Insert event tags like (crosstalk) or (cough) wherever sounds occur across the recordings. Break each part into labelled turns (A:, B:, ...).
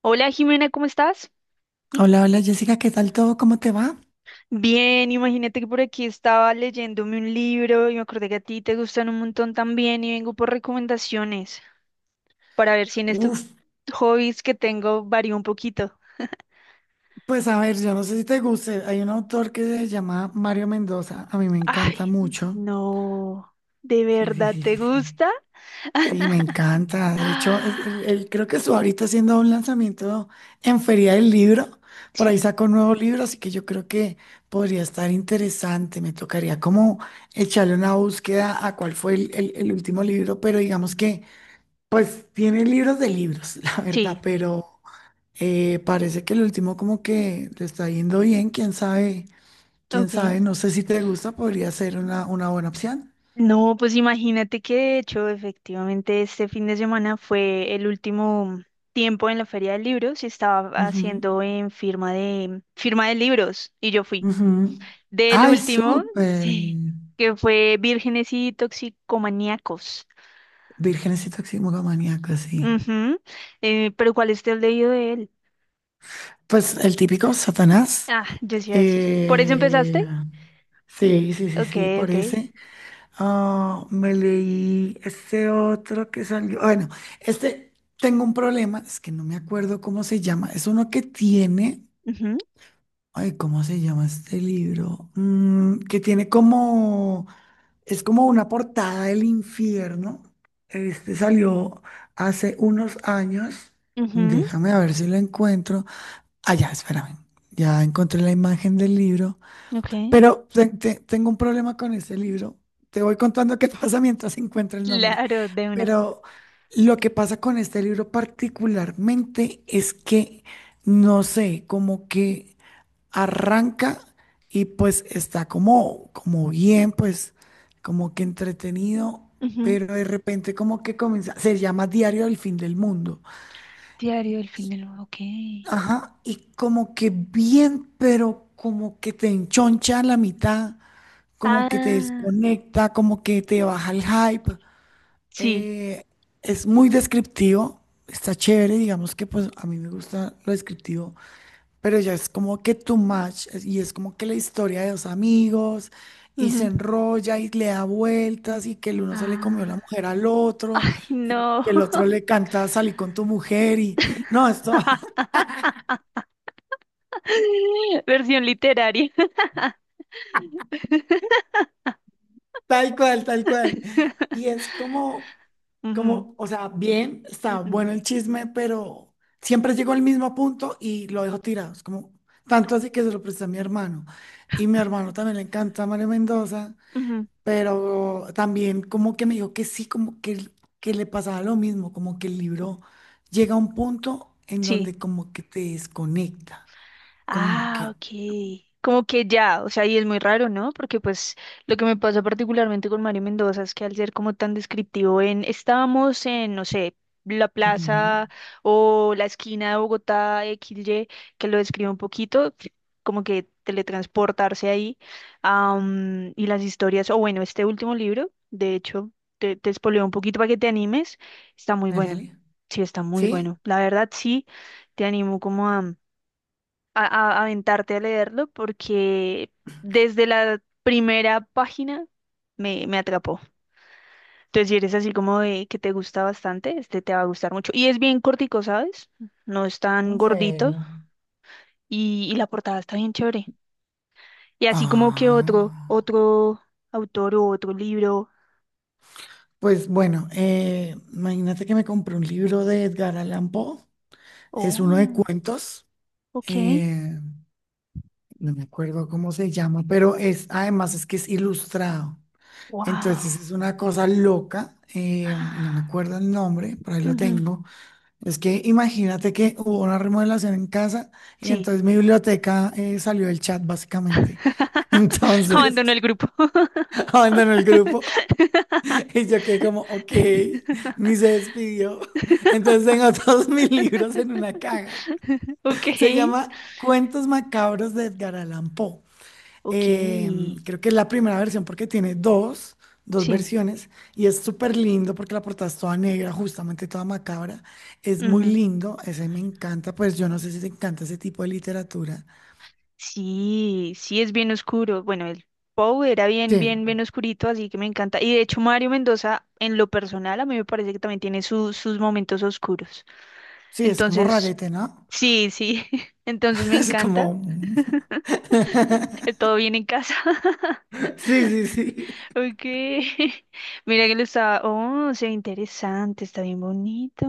A: Hola Jimena, ¿cómo estás?
B: Hola, hola Jessica, ¿qué tal todo? ¿Cómo te va?
A: Bien, imagínate que por aquí estaba leyéndome un libro y me acordé que a ti te gustan un montón también y vengo por recomendaciones para ver si en estos
B: Uf,
A: hobbies que tengo varío un poquito.
B: pues a ver, yo no sé si te guste. Hay un autor que se llama Mario Mendoza. A mí me encanta
A: Ay,
B: mucho.
A: no, ¿de
B: Sí, sí,
A: verdad
B: sí,
A: te
B: sí, sí.
A: gusta? (gasps)
B: Sí, me encanta. De hecho, es-
A: Ah,
B: él, él creo que estuvo ahorita haciendo un lanzamiento en Feria del Libro. Por ahí
A: sí,
B: sacó un nuevo libro, así que yo creo que podría estar interesante. Me tocaría como echarle una búsqueda a cuál fue el último libro, pero digamos que pues tiene libros de libros, (laughs) la verdad,
A: sí,
B: pero... parece que el último como que le está yendo bien, quién
A: ok.
B: sabe, no sé si te gusta, podría ser una buena opción.
A: No, pues imagínate que de hecho, efectivamente, este fin de semana fue el último tiempo en la Feria del Libro, se estaba
B: Ujú,
A: haciendo en firma de libros y yo fui
B: ujú.
A: del
B: Ay,
A: último, (laughs)
B: súper.
A: sí, que fue Vírgenes y Toxicomaníacos.
B: Vírgenes y toxicomaníacos, sí.
A: Ujú. Pero ¿cuál es el leído de él?
B: Pues el típico Satanás.
A: Ah, yo sí iba a decir. ¿Por eso
B: Eh,
A: empezaste?
B: sí, sí, sí,
A: Ok,
B: sí, por
A: ok.
B: ese. Ah, me leí este otro que salió. Bueno, este tengo un problema, es que no me acuerdo cómo se llama. Es uno que tiene.
A: Ujú,
B: Ay, ¿cómo se llama este libro? Que tiene como, es como una portada del infierno. Este salió hace unos años.
A: ujú,
B: Déjame a ver si lo encuentro. Ah, ya, espérame. Ya encontré la imagen del libro.
A: ok.
B: Pero tengo un problema con este libro. Te voy contando qué (laughs) pasa mientras encuentro el nombre.
A: Claro, de una.
B: Pero lo que pasa con este libro particularmente es que no sé, como que arranca y pues está como, bien, pues como que entretenido,
A: Ujú.
B: pero de repente como que comienza, se llama Diario del Fin del Mundo.
A: Diario del Fin
B: Y,
A: del Mundo, ok.
B: ajá, y como que bien, pero como que te enchoncha a la mitad, como que te
A: Ah.
B: desconecta, como que te baja el hype.
A: Sí.
B: Eh, es muy descriptivo, está chévere, digamos que pues a mí me gusta lo descriptivo. Pero ya es como que too much, y es como que la historia de dos amigos y se
A: Ujú.
B: enrolla y le da vueltas y que el uno se le comió
A: Ay,
B: la mujer al otro y
A: no.
B: que el otro le canta "salí con tu mujer", y no, esto (laughs)
A: (laughs) Versión literaria. (laughs)
B: tal cual, tal cual. Y es como,
A: Ujú,
B: como, o sea, bien, está
A: ujú,
B: bueno el chisme, pero siempre llego al mismo punto y lo dejo tirado. Es como, tanto así que se lo presté a mi hermano. Y mi hermano también le encanta Mario Mendoza,
A: ujú.
B: pero también como que me dijo que sí, como que, que le pasaba lo mismo, como que el libro llega a un punto en
A: Sí.
B: donde como que te desconecta, como
A: Ah,
B: que...
A: ok. Como que ya, o sea, y es muy raro, ¿no? Porque pues lo que me pasa particularmente con Mario Mendoza es que al ser como tan descriptivo estábamos en, no sé, la
B: Ujú.
A: plaza o la esquina de Bogotá XY, que lo describe un poquito, como que teletransportarse ahí. Am, y las historias, o bueno, este último libro, de hecho, te spoileo un poquito para que te animes, está muy
B: Dale,
A: bueno.
B: dale.
A: Sí, está muy
B: ¿Sí?
A: bueno. La verdad, sí, te animo como aventarte a leerlo porque desde la primera página me atrapó. Entonces, si eres así como de que te gusta bastante, este te va a gustar mucho. Y es bien cortico, ¿sabes? No es tan
B: ¿En
A: gordito
B: serio?
A: y la portada está bien chévere. Y así como que otro,
B: Ah,
A: otro autor o otro libro.
B: pues bueno, imagínate que me compré un libro de Edgar Allan Poe, es uno de
A: Oh,
B: cuentos,
A: ok.
B: eh, no me acuerdo cómo se llama, pero además es que es ilustrado. Entonces
A: Wow.
B: es una cosa loca, no me acuerdo el nombre, por ahí lo
A: Ujú,
B: tengo. Es que imagínate que hubo una remodelación en casa y
A: sí.
B: entonces mi biblioteca salió del chat básicamente. (laughs)
A: (laughs) Abandonó
B: Entonces
A: el grupo.
B: (laughs) abandonó el grupo y yo quedé como, ok,
A: (laughs)
B: ni se despidió. (laughs) Entonces tengo todos mis libros en una caja.
A: Ok.
B: Se llama Cuentos Macabros de Edgar Allan Poe.
A: Ok.
B: Eh, creo que es la primera versión porque tiene dos
A: Sí.
B: versiones, y es súper lindo porque la portada es toda negra, justamente toda macabra. Es muy
A: Ujú.
B: lindo, ese me encanta, pues yo no sé si te encanta ese tipo de literatura.
A: Sí, sí es bien oscuro. Bueno, el Pou era
B: Sí,
A: bien, bien, bien oscurito, así que me encanta. Y de hecho, Mario Mendoza, en lo personal, a mí me parece que también tiene sus momentos oscuros.
B: sí, es como
A: Entonces,
B: rarete, ¿no?
A: sí, sí. (laughs) Entonces
B: (laughs)
A: me
B: Es
A: encanta.
B: como... mm. (laughs)
A: Todo bien en casa. (laughs)
B: Sí, sí, sí.
A: Ok. (laughs) Mira que lo está. Oh, se ve interesante, está bien bonito.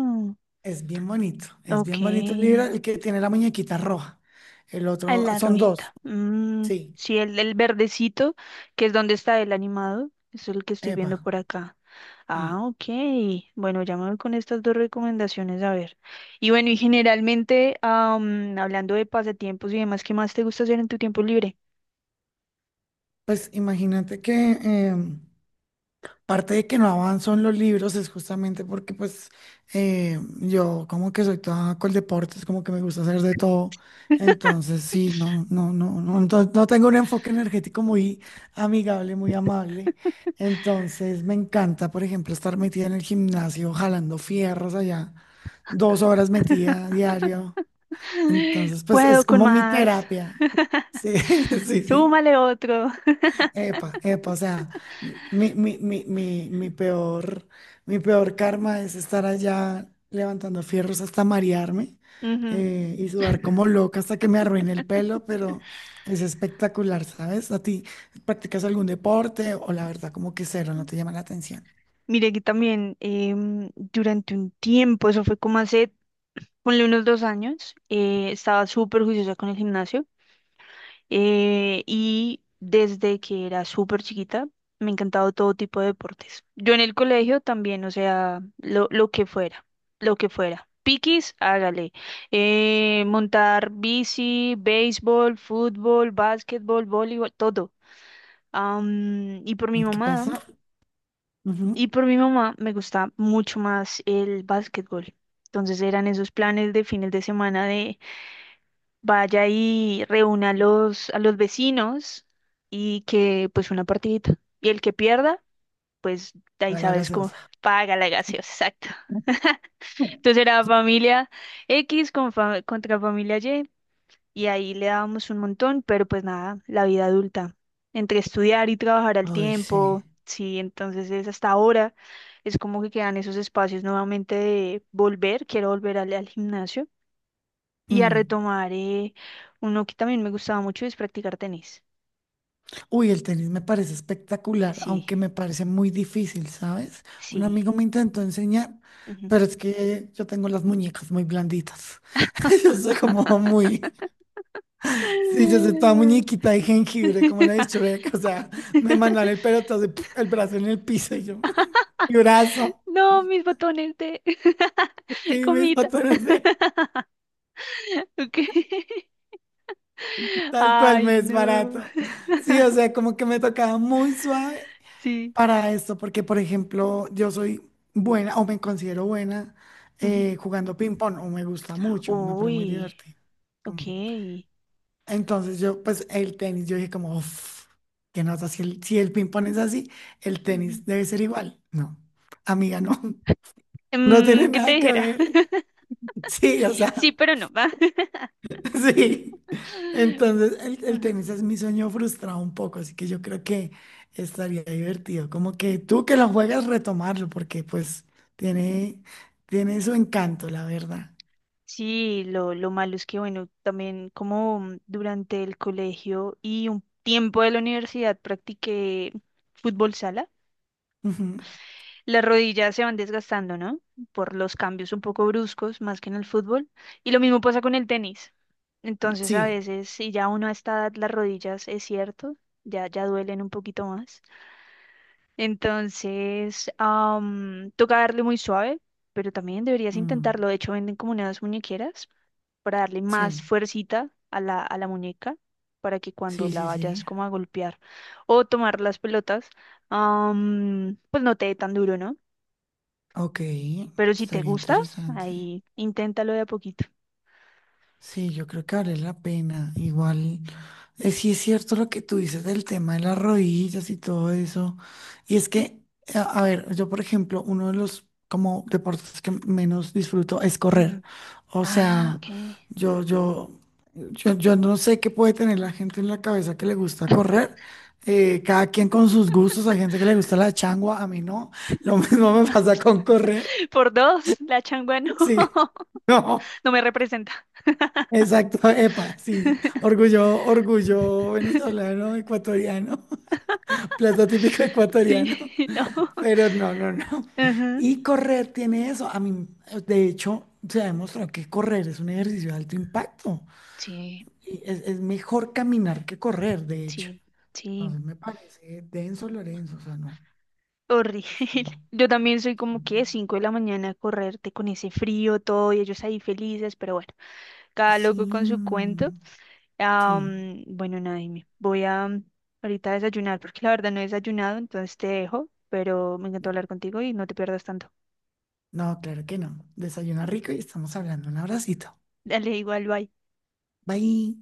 B: Es
A: Ok.
B: bien bonito el libro, el que tiene la muñequita roja. El
A: Ah,
B: otro,
A: la
B: son dos,
A: rojita. Mm,
B: sí,
A: sí, el verdecito, que es donde está el animado. Es el que estoy
B: epa.
A: viendo por acá.
B: Mm.
A: Ah, ok. Bueno, ya me voy con estas dos recomendaciones a ver. Y bueno, y generalmente, hablando de pasatiempos y demás, ¿qué más te gusta hacer en tu tiempo libre?
B: Pues imagínate que em, Parte de que no avanzo en los libros es justamente porque pues yo como que soy toda con deportes, como que me gusta hacer de todo.
A: (laughs)
B: Entonces sí, no, no, no, no, no, no tengo un enfoque energético muy amigable, muy amable. Entonces me encanta, por ejemplo, estar metida en el gimnasio, jalando fierros allá, dos horas metida diario. Entonces pues
A: Puedo
B: es
A: con
B: como mi
A: más.
B: terapia. Sí, (laughs) sí, sí, sí.
A: Súmale otro.
B: Epa, epa, o sea, mi, mi, mi, mi, mi peor, mi peor karma es estar allá levantando fierros hasta marearme,
A: Ujú.
B: y sudar como loca hasta que me arruine el pelo, pero es espectacular, ¿sabes? ¿A ti practicas algún deporte o la verdad como que cero, no te llama la atención?
A: Mire que también durante un tiempo, eso fue como hace, ponle unos dos años, estaba súper juiciosa con el gimnasio. Y desde que era súper chiquita me ha encantado todo tipo de deportes. Yo en el colegio también, o sea, lo que fuera, lo que fuera. Piquis, hágale. Montar bici, béisbol, fútbol, básquetbol, voleibol, todo. Am, y por mi
B: ¿Qué
A: mamá,
B: pasa?
A: y
B: Ujú.
A: por mi mamá me gusta mucho más el básquetbol. Entonces eran esos planes de fines de semana de vaya y reúna a a los vecinos y que pues una partidita. Y el que pierda, pues de ahí
B: Voy a la
A: sabes cómo
B: gaseosa.
A: paga la gaseosa, exacto. (laughs) Entonces era familia X contra familia Y y ahí le dábamos un montón, pero pues nada, la vida adulta, entre estudiar y trabajar al
B: Ay, sí.
A: tiempo, sí, entonces es hasta ahora, es como que quedan esos espacios nuevamente de volver, quiero volver al gimnasio y a
B: Mm.
A: retomar uno que también me gustaba mucho es practicar tenis.
B: Uy, el tenis me parece espectacular,
A: Sí,
B: aunque me parece muy difícil, ¿sabes? Un
A: sí.
B: amigo me intentó enseñar,
A: Ujú.
B: pero es que yo tengo las muñecas muy blanditas. (laughs) Yo soy como muy...
A: (laughs)
B: Sí, yo soy toda muñequita de jengibre, como la de Shrek. O sea, me mandan el pelotazo, y ¡puf! El brazo en el piso y yo... (laughs) Mi brazo.
A: No, mis botones de (laughs)
B: Sí, mis
A: comita.
B: botones,
A: (laughs) Okay. (laughs)
B: (laughs) tal cual
A: Ay,
B: me es
A: no.
B: barato. Sí, o sea, como que me tocaba muy suave
A: Sí.
B: para esto, porque por ejemplo, yo soy buena o me considero buena
A: Ujú.
B: jugando ping pong, o me gusta mucho, me parece muy
A: Uy,
B: divertido.
A: ok.
B: Mm. Entonces yo, pues el tenis, yo dije como, uff, qué nota, si el ping pong es así, el
A: Ujú.
B: tenis debe ser igual. No, amiga, no, (laughs) no
A: Mm,
B: tiene
A: ¿qué te
B: nada que
A: dijera?
B: ver.
A: (laughs)
B: Sí, o
A: Sí,
B: sea.
A: pero no. (laughs)
B: (laughs) Sí. Entonces, el
A: Va.
B: tenis es mi sueño frustrado un poco, así que yo creo que estaría divertido. Como que tú que lo juegas, retomarlo, porque pues tiene, tiene su encanto, la verdad.
A: Sí, lo malo es que, bueno, también como durante el colegio y un tiempo de la universidad practiqué fútbol sala,
B: Ujú.
A: las rodillas se van desgastando, ¿no? Por los cambios un poco bruscos, más que en el fútbol. Y lo mismo pasa con el tenis. Entonces, a
B: Sí,
A: veces, si ya uno a esta edad, las rodillas, es cierto, ya duelen un poquito más. Entonces, toca darle muy suave, pero también deberías
B: mm,
A: intentarlo. De hecho, venden como unas muñequeras para darle más
B: sí,
A: fuercita a a la muñeca para que cuando
B: sí,
A: la
B: sí,
A: vayas
B: sí.
A: como a golpear o tomar las pelotas, pues no te dé tan duro, ¿no?
B: Ok,
A: Pero si te
B: estaría
A: gusta,
B: interesante.
A: ahí inténtalo de a poquito.
B: Sí, yo creo que vale la pena. Igual. Sí es cierto lo que tú dices del tema de las rodillas y todo eso. Y es que, a ver, yo por ejemplo, uno de los como deportes que menos disfruto es correr.
A: Ujú.
B: O
A: Ah,
B: sea,
A: ok.
B: yo, yo, yo no sé qué puede tener la gente en la cabeza que le gusta correr. Cada quien con sus gustos, hay gente que le gusta la
A: (laughs)
B: changua, a mí no. Lo (laughs) mismo me pasa con correr.
A: Por dos, la changua no,
B: Sí. (laughs)
A: (laughs)
B: No,
A: no me representa.
B: exacto, epa, sí,
A: (laughs)
B: orgullo, orgullo venezolano, ecuatoriano. Plato típico
A: Sí,
B: ecuatoriano,
A: (laughs) no.
B: pero no, no, no.
A: Ajá.
B: Y correr tiene eso. A mí, de hecho, se ha demostrado que correr es un ejercicio de alto impacto.
A: Sí,
B: Y es mejor caminar que correr, de hecho.
A: sí, sí.
B: Entonces me parece denso, Lorenzo, o sea, no.
A: Horrible. (laughs) Yo también soy como que 5 de la mañana a correrte con ese frío, todo, y ellos ahí felices, pero bueno, cada
B: Sí,
A: loco con su cuento.
B: sí.
A: Bueno, nada, dime, voy a ahorita a desayunar, porque la verdad no he desayunado, entonces te dejo, pero me encantó hablar contigo y no te pierdas tanto.
B: No, claro que no. Desayuna rico y estamos hablando. Un abracito.
A: (laughs) Dale, igual, bye.
B: Bye.